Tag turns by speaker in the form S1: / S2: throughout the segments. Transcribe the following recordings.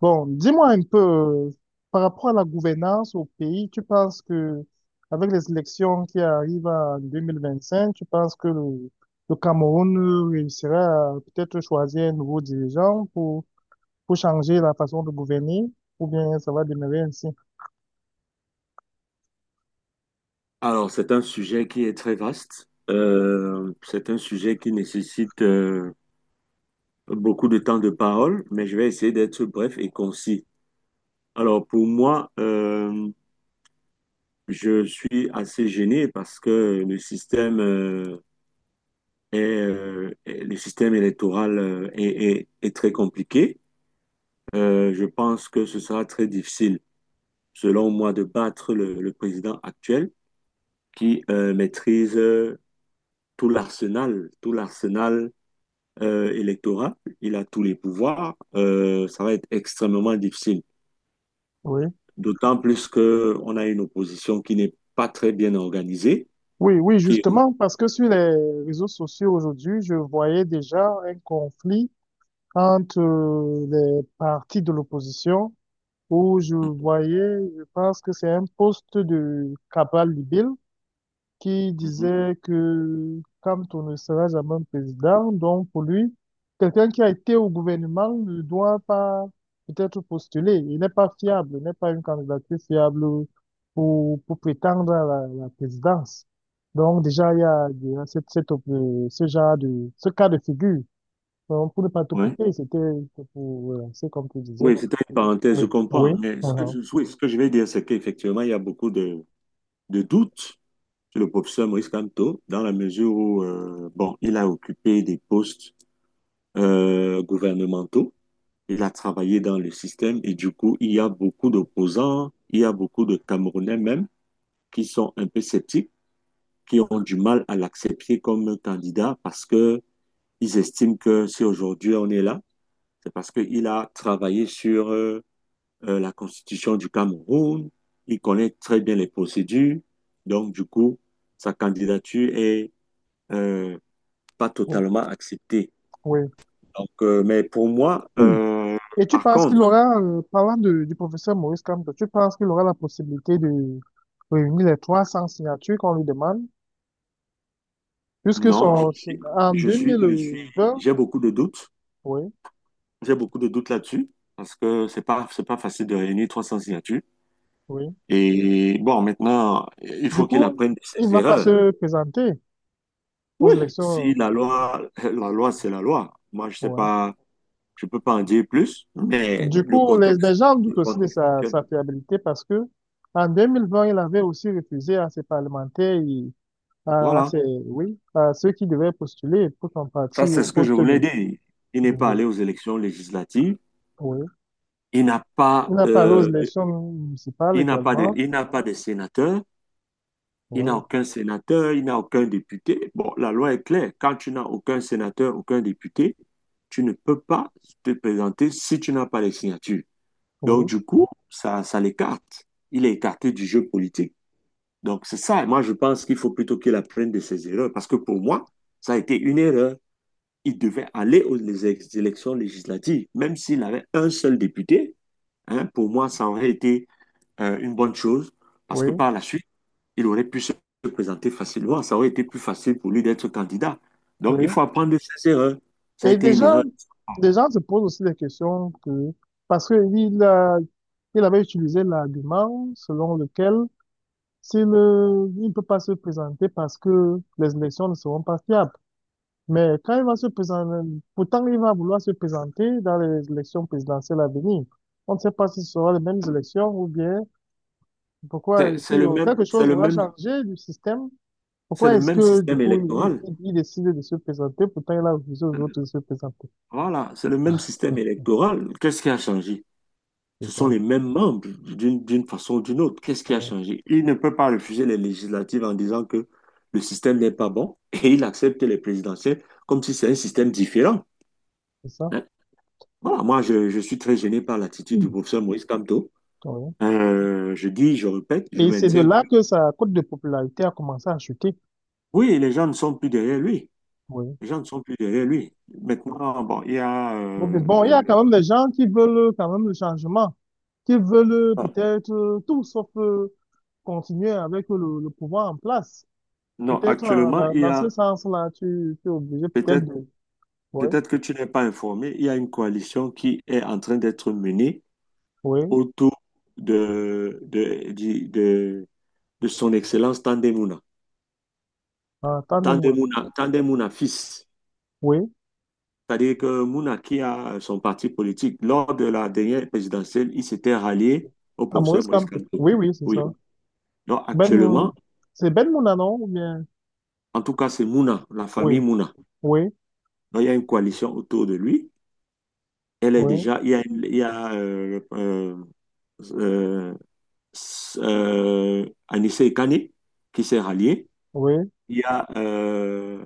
S1: Bon, dis-moi un peu, par rapport à la gouvernance au pays, tu penses que, avec les élections qui arrivent en 2025, tu penses que le Cameroun réussira à peut-être choisir un nouveau dirigeant pour changer la façon de gouverner, ou bien ça va demeurer ainsi?
S2: Alors, c'est un sujet qui est très vaste. C'est un sujet qui nécessite beaucoup de temps de parole, mais je vais essayer d'être bref et concis. Alors, pour moi, je suis assez gêné parce que le système électoral est très compliqué. Je pense que ce sera très difficile, selon moi, de battre le président actuel qui maîtrise tout l'arsenal électorat, il a tous les pouvoirs, ça va être extrêmement difficile.
S1: Oui.
S2: D'autant plus que on a une opposition qui n'est pas très bien organisée,
S1: Oui, oui,
S2: qui...
S1: justement, parce que sur les réseaux sociaux aujourd'hui, je voyais déjà un conflit entre les partis de l'opposition où je voyais, je pense que c'est un poste de Cabral Libel qui
S2: Mhm.
S1: disait que quand on ne sera jamais président, donc pour lui, quelqu'un qui a été au gouvernement ne doit pas peut-être postuler. Il n'est pas fiable, il n'est pas une candidature fiable pour prétendre à la présidence. Donc déjà, il y a cette, cette, op- ce genre de, ce cas de figure. Donc, pour ne pas tout
S2: Ouais.
S1: couper, c'est comme tu disais.
S2: Oui, c'était une parenthèse,
S1: Oui.
S2: je comprends.
S1: Oui.
S2: Mais oui, ce que je vais dire, c'est qu'effectivement, il y a beaucoup de doutes sur le professeur Maurice Kamto, dans la mesure où, bon, il a occupé des postes gouvernementaux, il a travaillé dans le système, et du coup, il y a beaucoup d'opposants, il y a beaucoup de Camerounais même qui sont un peu sceptiques, qui ont du mal à l'accepter comme candidat parce que ils estiment que si aujourd'hui on est là, c'est parce qu'il a travaillé sur la constitution du Cameroun, il connaît très bien les procédures, donc du coup, sa candidature est euh, pas
S1: Mhm.
S2: totalement acceptée.
S1: Oui.
S2: Donc, mais pour moi,
S1: Mm. Et tu
S2: par
S1: penses qu'il
S2: contre,
S1: aura du professeur Maurice Kamto, tu penses qu'il aura la possibilité de réunir les 300 signatures qu'on lui demande, puisque
S2: non,
S1: en
S2: je
S1: deux
S2: suis, je suis,
S1: mille vingt,
S2: j'ai beaucoup de doutes,
S1: oui,
S2: j'ai beaucoup de doutes là-dessus parce que c'est pas facile de réunir 300 signatures.
S1: oui.
S2: Et bon, maintenant, il
S1: Du
S2: faut qu'il
S1: coup,
S2: apprenne de
S1: il ne
S2: ses
S1: va pas
S2: erreurs.
S1: se présenter aux
S2: Oui,
S1: élections.
S2: si la loi, c'est la loi. Moi, je sais
S1: Oui.
S2: pas, je peux pas en dire plus, mais
S1: Du coup, les gens doutent
S2: le
S1: aussi de
S2: contexte actuel.
S1: sa fiabilité parce que en 2020, il avait aussi refusé à ses parlementaires et à
S2: Voilà.
S1: ses, oui, à ceux qui devaient postuler pour son parti
S2: Ça, c'est
S1: au
S2: ce que je
S1: poste
S2: voulais
S1: de,
S2: dire. Il n'est
S1: de,
S2: pas allé
S1: de-
S2: aux élections législatives.
S1: Oui.
S2: Il n'a pas,
S1: La Palouse,
S2: euh,
S1: les chambres municipales
S2: il n'a pas de,
S1: également.
S2: il n'a pas de sénateur. Il n'a
S1: Voilà.
S2: aucun sénateur. Il n'a aucun député. Bon, la loi est claire. Quand tu n'as aucun sénateur, aucun député, tu ne peux pas te présenter si tu n'as pas les signatures. Donc,
S1: Oui,
S2: du coup, ça l'écarte. Il est écarté du jeu politique. Donc, c'est ça. Et moi, je pense qu'il faut plutôt qu'il apprenne de ses erreurs. Parce que pour moi, ça a été une erreur. Il devait aller aux élections législatives. Même s'il avait un seul député, hein, pour moi, ça aurait été une bonne chose. Parce que
S1: oui,
S2: par la suite, il aurait pu se présenter facilement. Ça aurait été plus facile pour lui d'être candidat. Donc, il
S1: oui.
S2: faut apprendre de ses erreurs. Ça a
S1: Et
S2: été une
S1: déjà,
S2: erreur.
S1: des gens se posent aussi des questions que, parce qu'il a, il avait utilisé l'argument selon lequel s'il il ne peut pas se présenter parce que les élections ne seront pas fiables. Mais quand il va se présenter, pourtant il va vouloir se présenter dans les élections présidentielles à venir. On ne sait pas si ce sera les mêmes élections ou bien pourquoi
S2: C'est
S1: est-ce
S2: c'est
S1: qu'il y
S2: le
S1: aura
S2: même,
S1: quelque
S2: c'est
S1: chose
S2: le
S1: aura
S2: même,
S1: changé du système.
S2: c'est
S1: Pourquoi
S2: le
S1: est-ce
S2: même
S1: que, du
S2: système
S1: coup,
S2: électoral.
S1: il décide de se présenter, pourtant il a refusé aux autres de se présenter.
S2: Voilà, c'est le même système électoral. Qu'est-ce qui a changé?
S1: C'est
S2: Ce sont
S1: ça.
S2: les mêmes membres d'une façon ou d'une autre. Qu'est-ce qui a
S1: Ouais,
S2: changé? Il ne peut pas refuser les législatives en disant que le système n'est pas bon et il accepte les présidentielles comme si c'est un système différent.
S1: c'est ça.
S2: Hein. Voilà, moi, je suis très gêné par l'attitude du
S1: Mm.
S2: professeur Maurice Kamto.
S1: Ouais.
S2: Je dis, je répète, je
S1: Et c'est de
S2: maintiens.
S1: là que sa cote de popularité a commencé à chuter.
S2: Oui, les gens ne sont plus derrière lui.
S1: Oui.
S2: Les gens ne sont plus derrière lui. Maintenant, bon, il y a...
S1: Bon, mais bon, il y
S2: le-
S1: a quand même des gens qui veulent quand même le changement, qui veulent peut-être tout sauf continuer avec le pouvoir en place.
S2: Non,
S1: Peut-être
S2: actuellement, il y
S1: dans ce
S2: a
S1: sens-là, tu es obligé peut-être
S2: peut-être
S1: de. Oui,
S2: Peut-être. Que tu n'es pas informé, il y a une coalition qui est en train d'être menée
S1: oui.
S2: autour de, de, du- de, de son Excellence Tandemuna.
S1: Attendez-moi.
S2: Tandemuna, Tandemuna fils.
S1: Oui.
S2: C'est-à-dire que Mouna, qui a son parti politique, lors de la dernière présidentielle, il s'était rallié au
S1: À
S2: professeur
S1: Maurice
S2: Maurice
S1: Campo.
S2: Kamto.
S1: Oui, oui, c'est
S2: Oui.
S1: ça.
S2: Donc
S1: Ben Moun.
S2: actuellement,
S1: C'est Ben Mouna, non? Ou bien.
S2: en tout cas, c'est Mouna, la
S1: Oui,
S2: famille Mouna.
S1: oui,
S2: Donc il y a une coalition autour de lui. Elle est
S1: oui,
S2: déjà, il y a, une- il y a euh, Anissé Kane qui s'est rallié.
S1: oui,
S2: Il y a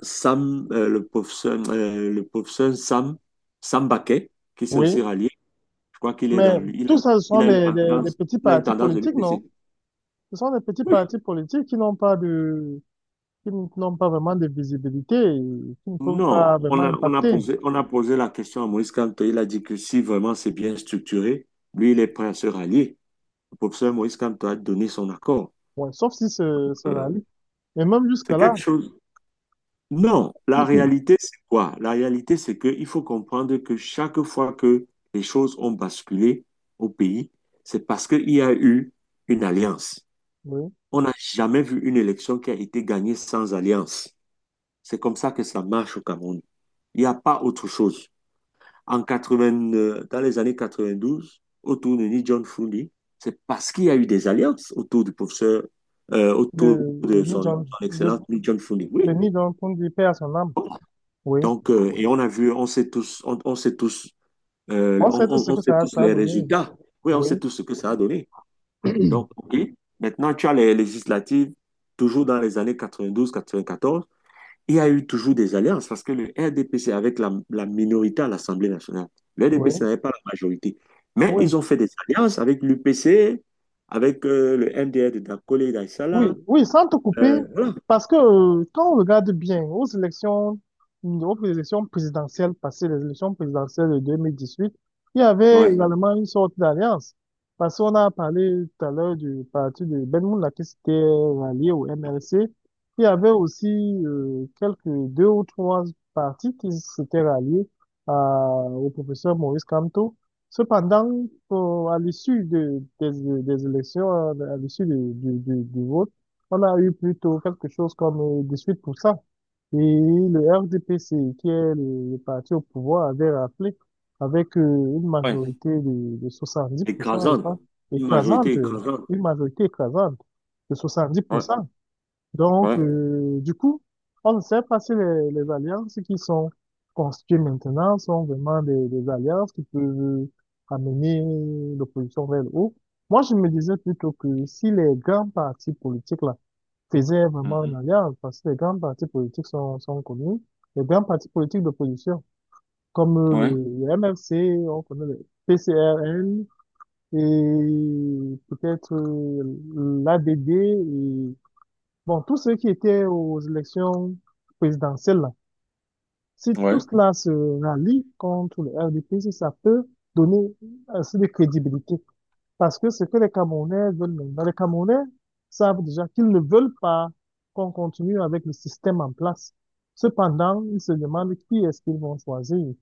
S2: Sam, le pauvre son Sam, Sam Baquet qui s'est aussi
S1: oui.
S2: rallié. Je crois qu'il est dans
S1: Mais
S2: lui.
S1: tout ça, ce sont
S2: Il a une
S1: des
S2: tendance,
S1: petits
S2: il a une
S1: partis
S2: tendance de
S1: politiques,
S2: l'UPC.
S1: non? Ce sont des petits partis politiques qui n'ont pas de, qui n'ont pas vraiment de visibilité, et qui ne peuvent
S2: Non,
S1: pas
S2: on
S1: vraiment
S2: a, on a
S1: impacter.
S2: posé, on a posé la question à Maurice Kamto. Il a dit que si vraiment c'est bien structuré, lui, il est prêt à se rallier. Le professeur Maurice Kamto a donné son accord.
S1: Ouais, sauf si se
S2: Euh,
S1: rallient. Mais même
S2: c'est
S1: jusque-là,
S2: quelque chose. Non, la
S1: oui,
S2: réalité, c'est quoi? La réalité, c'est qu'il faut comprendre que chaque fois que les choses ont basculé au pays, c'est parce qu'il y a eu une alliance.
S1: de,
S2: On n'a jamais vu une élection qui a été gagnée sans alliance. C'est comme ça que ça marche au Cameroun. Il n'y a pas autre chose. En 80, dans les années 92, autour de Ni John Fundi, c'est parce qu'il y a eu des alliances
S1: de
S2: autour de
S1: Ni
S2: son,
S1: John,
S2: son
S1: de,
S2: excellence Ni John Fundi.
S1: de
S2: Oui,
S1: Ni John Kundi, paix à son âme.
S2: bon.
S1: Oui.
S2: Donc, et on a vu,
S1: On sait tout ce
S2: on
S1: que
S2: sait tous
S1: ça a
S2: les
S1: donné.
S2: résultats. Oui, on sait
S1: Oui,
S2: tous ce que ça a donné. Donc, OK. Maintenant, tu as les législatives, toujours dans les années 1992, 1994. Il y a eu toujours des alliances parce que le RDPC avec la minorité à l'Assemblée nationale. Le
S1: oui,
S2: RDPC n'avait pas la majorité. Mais
S1: oui.
S2: ils ont fait des alliances avec l'UPC, avec le MDR de Dakolé et
S1: Oui,
S2: d'Aïssala.
S1: oui, sans te couper,
S2: Voilà.
S1: parce que quand on regarde bien aux élections présidentielles passées, les élections présidentielles de 2018, il y avait
S2: Ouais.
S1: également une sorte d'alliance. Parce qu'on a parlé tout à l'heure du parti de Ben Moula qui s'était rallié au MLC. Il y avait aussi quelques deux ou trois partis qui s'étaient ralliés au professeur Maurice Kamto. Cependant, à l'issue des élections, à l'issue du vote, on a eu plutôt quelque chose comme 18%. Et le RDPC, qui est le parti au pouvoir, avait rappelé avec une
S2: Ouais.
S1: majorité de 70%, je
S2: Écrasante.
S1: pense,
S2: Une majorité
S1: écrasante,
S2: écrasante.
S1: une majorité écrasante de
S2: Ouais,
S1: 70%. Donc,
S2: ouais.
S1: du coup, on ne sait pas si les alliances qui sont constituées maintenant sont vraiment des alliances qui peuvent amener l'opposition vers le haut. Moi, je me disais plutôt que si les grands partis politiques là, faisaient vraiment une
S2: Mhm.
S1: alliance, parce que les grands partis politiques sont connus, les grands partis politiques d'opposition, comme
S2: Ouais,
S1: le MFC, on connaît le PCRN, et peut-être l'ADD. Bon, tous ceux qui étaient aux élections présidentielles, là, si tout
S2: ouais.
S1: cela se rallie contre le RDP, ça peut donner assez de crédibilité. Parce que ce que les Camerounais veulent maintenant, les Camerounais savent déjà qu'ils ne veulent pas qu'on continue avec le système en place. Cependant, ils se demandent qui est-ce qu'ils vont choisir.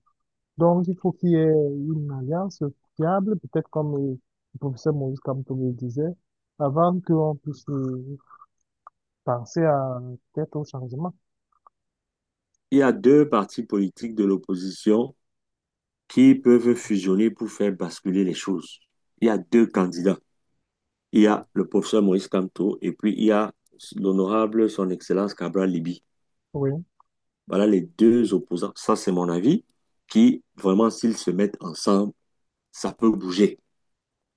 S1: Donc, il faut qu'il y ait une alliance fiable, peut-être comme le professeur Maurice Kamto le disait, avant qu'on puisse penser à peut-être au changement.
S2: Il y a deux partis politiques de l'opposition qui peuvent fusionner pour faire basculer les choses. Il y a deux candidats. Il y a le professeur Maurice Kamto et puis il y a l'honorable Son Excellence Cabral Libi.
S1: Oui,
S2: Voilà les deux opposants. Ça, c'est mon avis, qui vraiment, s'ils se mettent ensemble, ça peut bouger.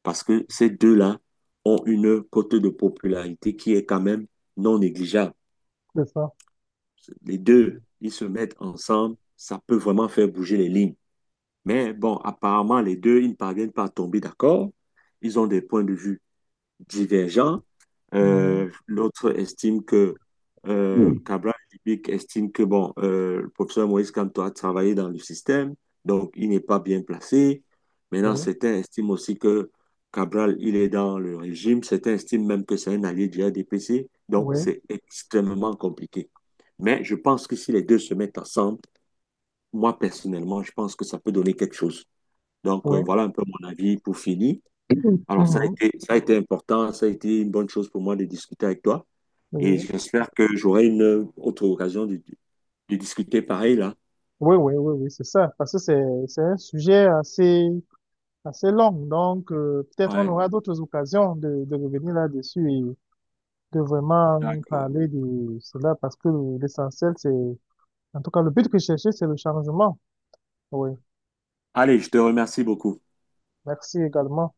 S2: Parce que ces deux-là ont une cote de popularité qui est quand même non négligeable.
S1: c'est ça.
S2: Les deux, ils se mettent ensemble, ça peut vraiment faire bouger les lignes. Mais bon, apparemment, les deux, ils ne parviennent pas à tomber d'accord. Ils ont des points de vue divergents.
S1: Mhm.
S2: L'autre estime que, Cabral Libic estime que, bon, le professeur Moïse Kamto a travaillé dans le système, donc il n'est pas bien placé. Maintenant,
S1: Oui,
S2: certains estiment aussi que Cabral, il est dans le régime. Certains estiment même que c'est un allié du RDPC. Donc,
S1: oui,
S2: c'est extrêmement compliqué. Mais je pense que si les deux se mettent ensemble, moi, personnellement, je pense que ça peut donner quelque chose. Donc,
S1: oui.
S2: voilà un peu mon avis pour finir. Alors,
S1: Mhm.
S2: ça a été important, ça a été une bonne chose pour moi de discuter avec toi. Et
S1: Oui,
S2: j'espère que j'aurai une autre occasion de discuter pareil là.
S1: oui, oui, oui, oui, c'est ça. Parce que c'est un sujet assez, assez long. Donc, peut-être on
S2: Ouais,
S1: aura d'autres occasions de revenir là-dessus et de vraiment
S2: d'accord.
S1: parler de cela parce que l'essentiel, c'est, en tout cas, le but que je cherchais, c'est le changement. Oui.
S2: Allez, je te remercie beaucoup.
S1: Merci également.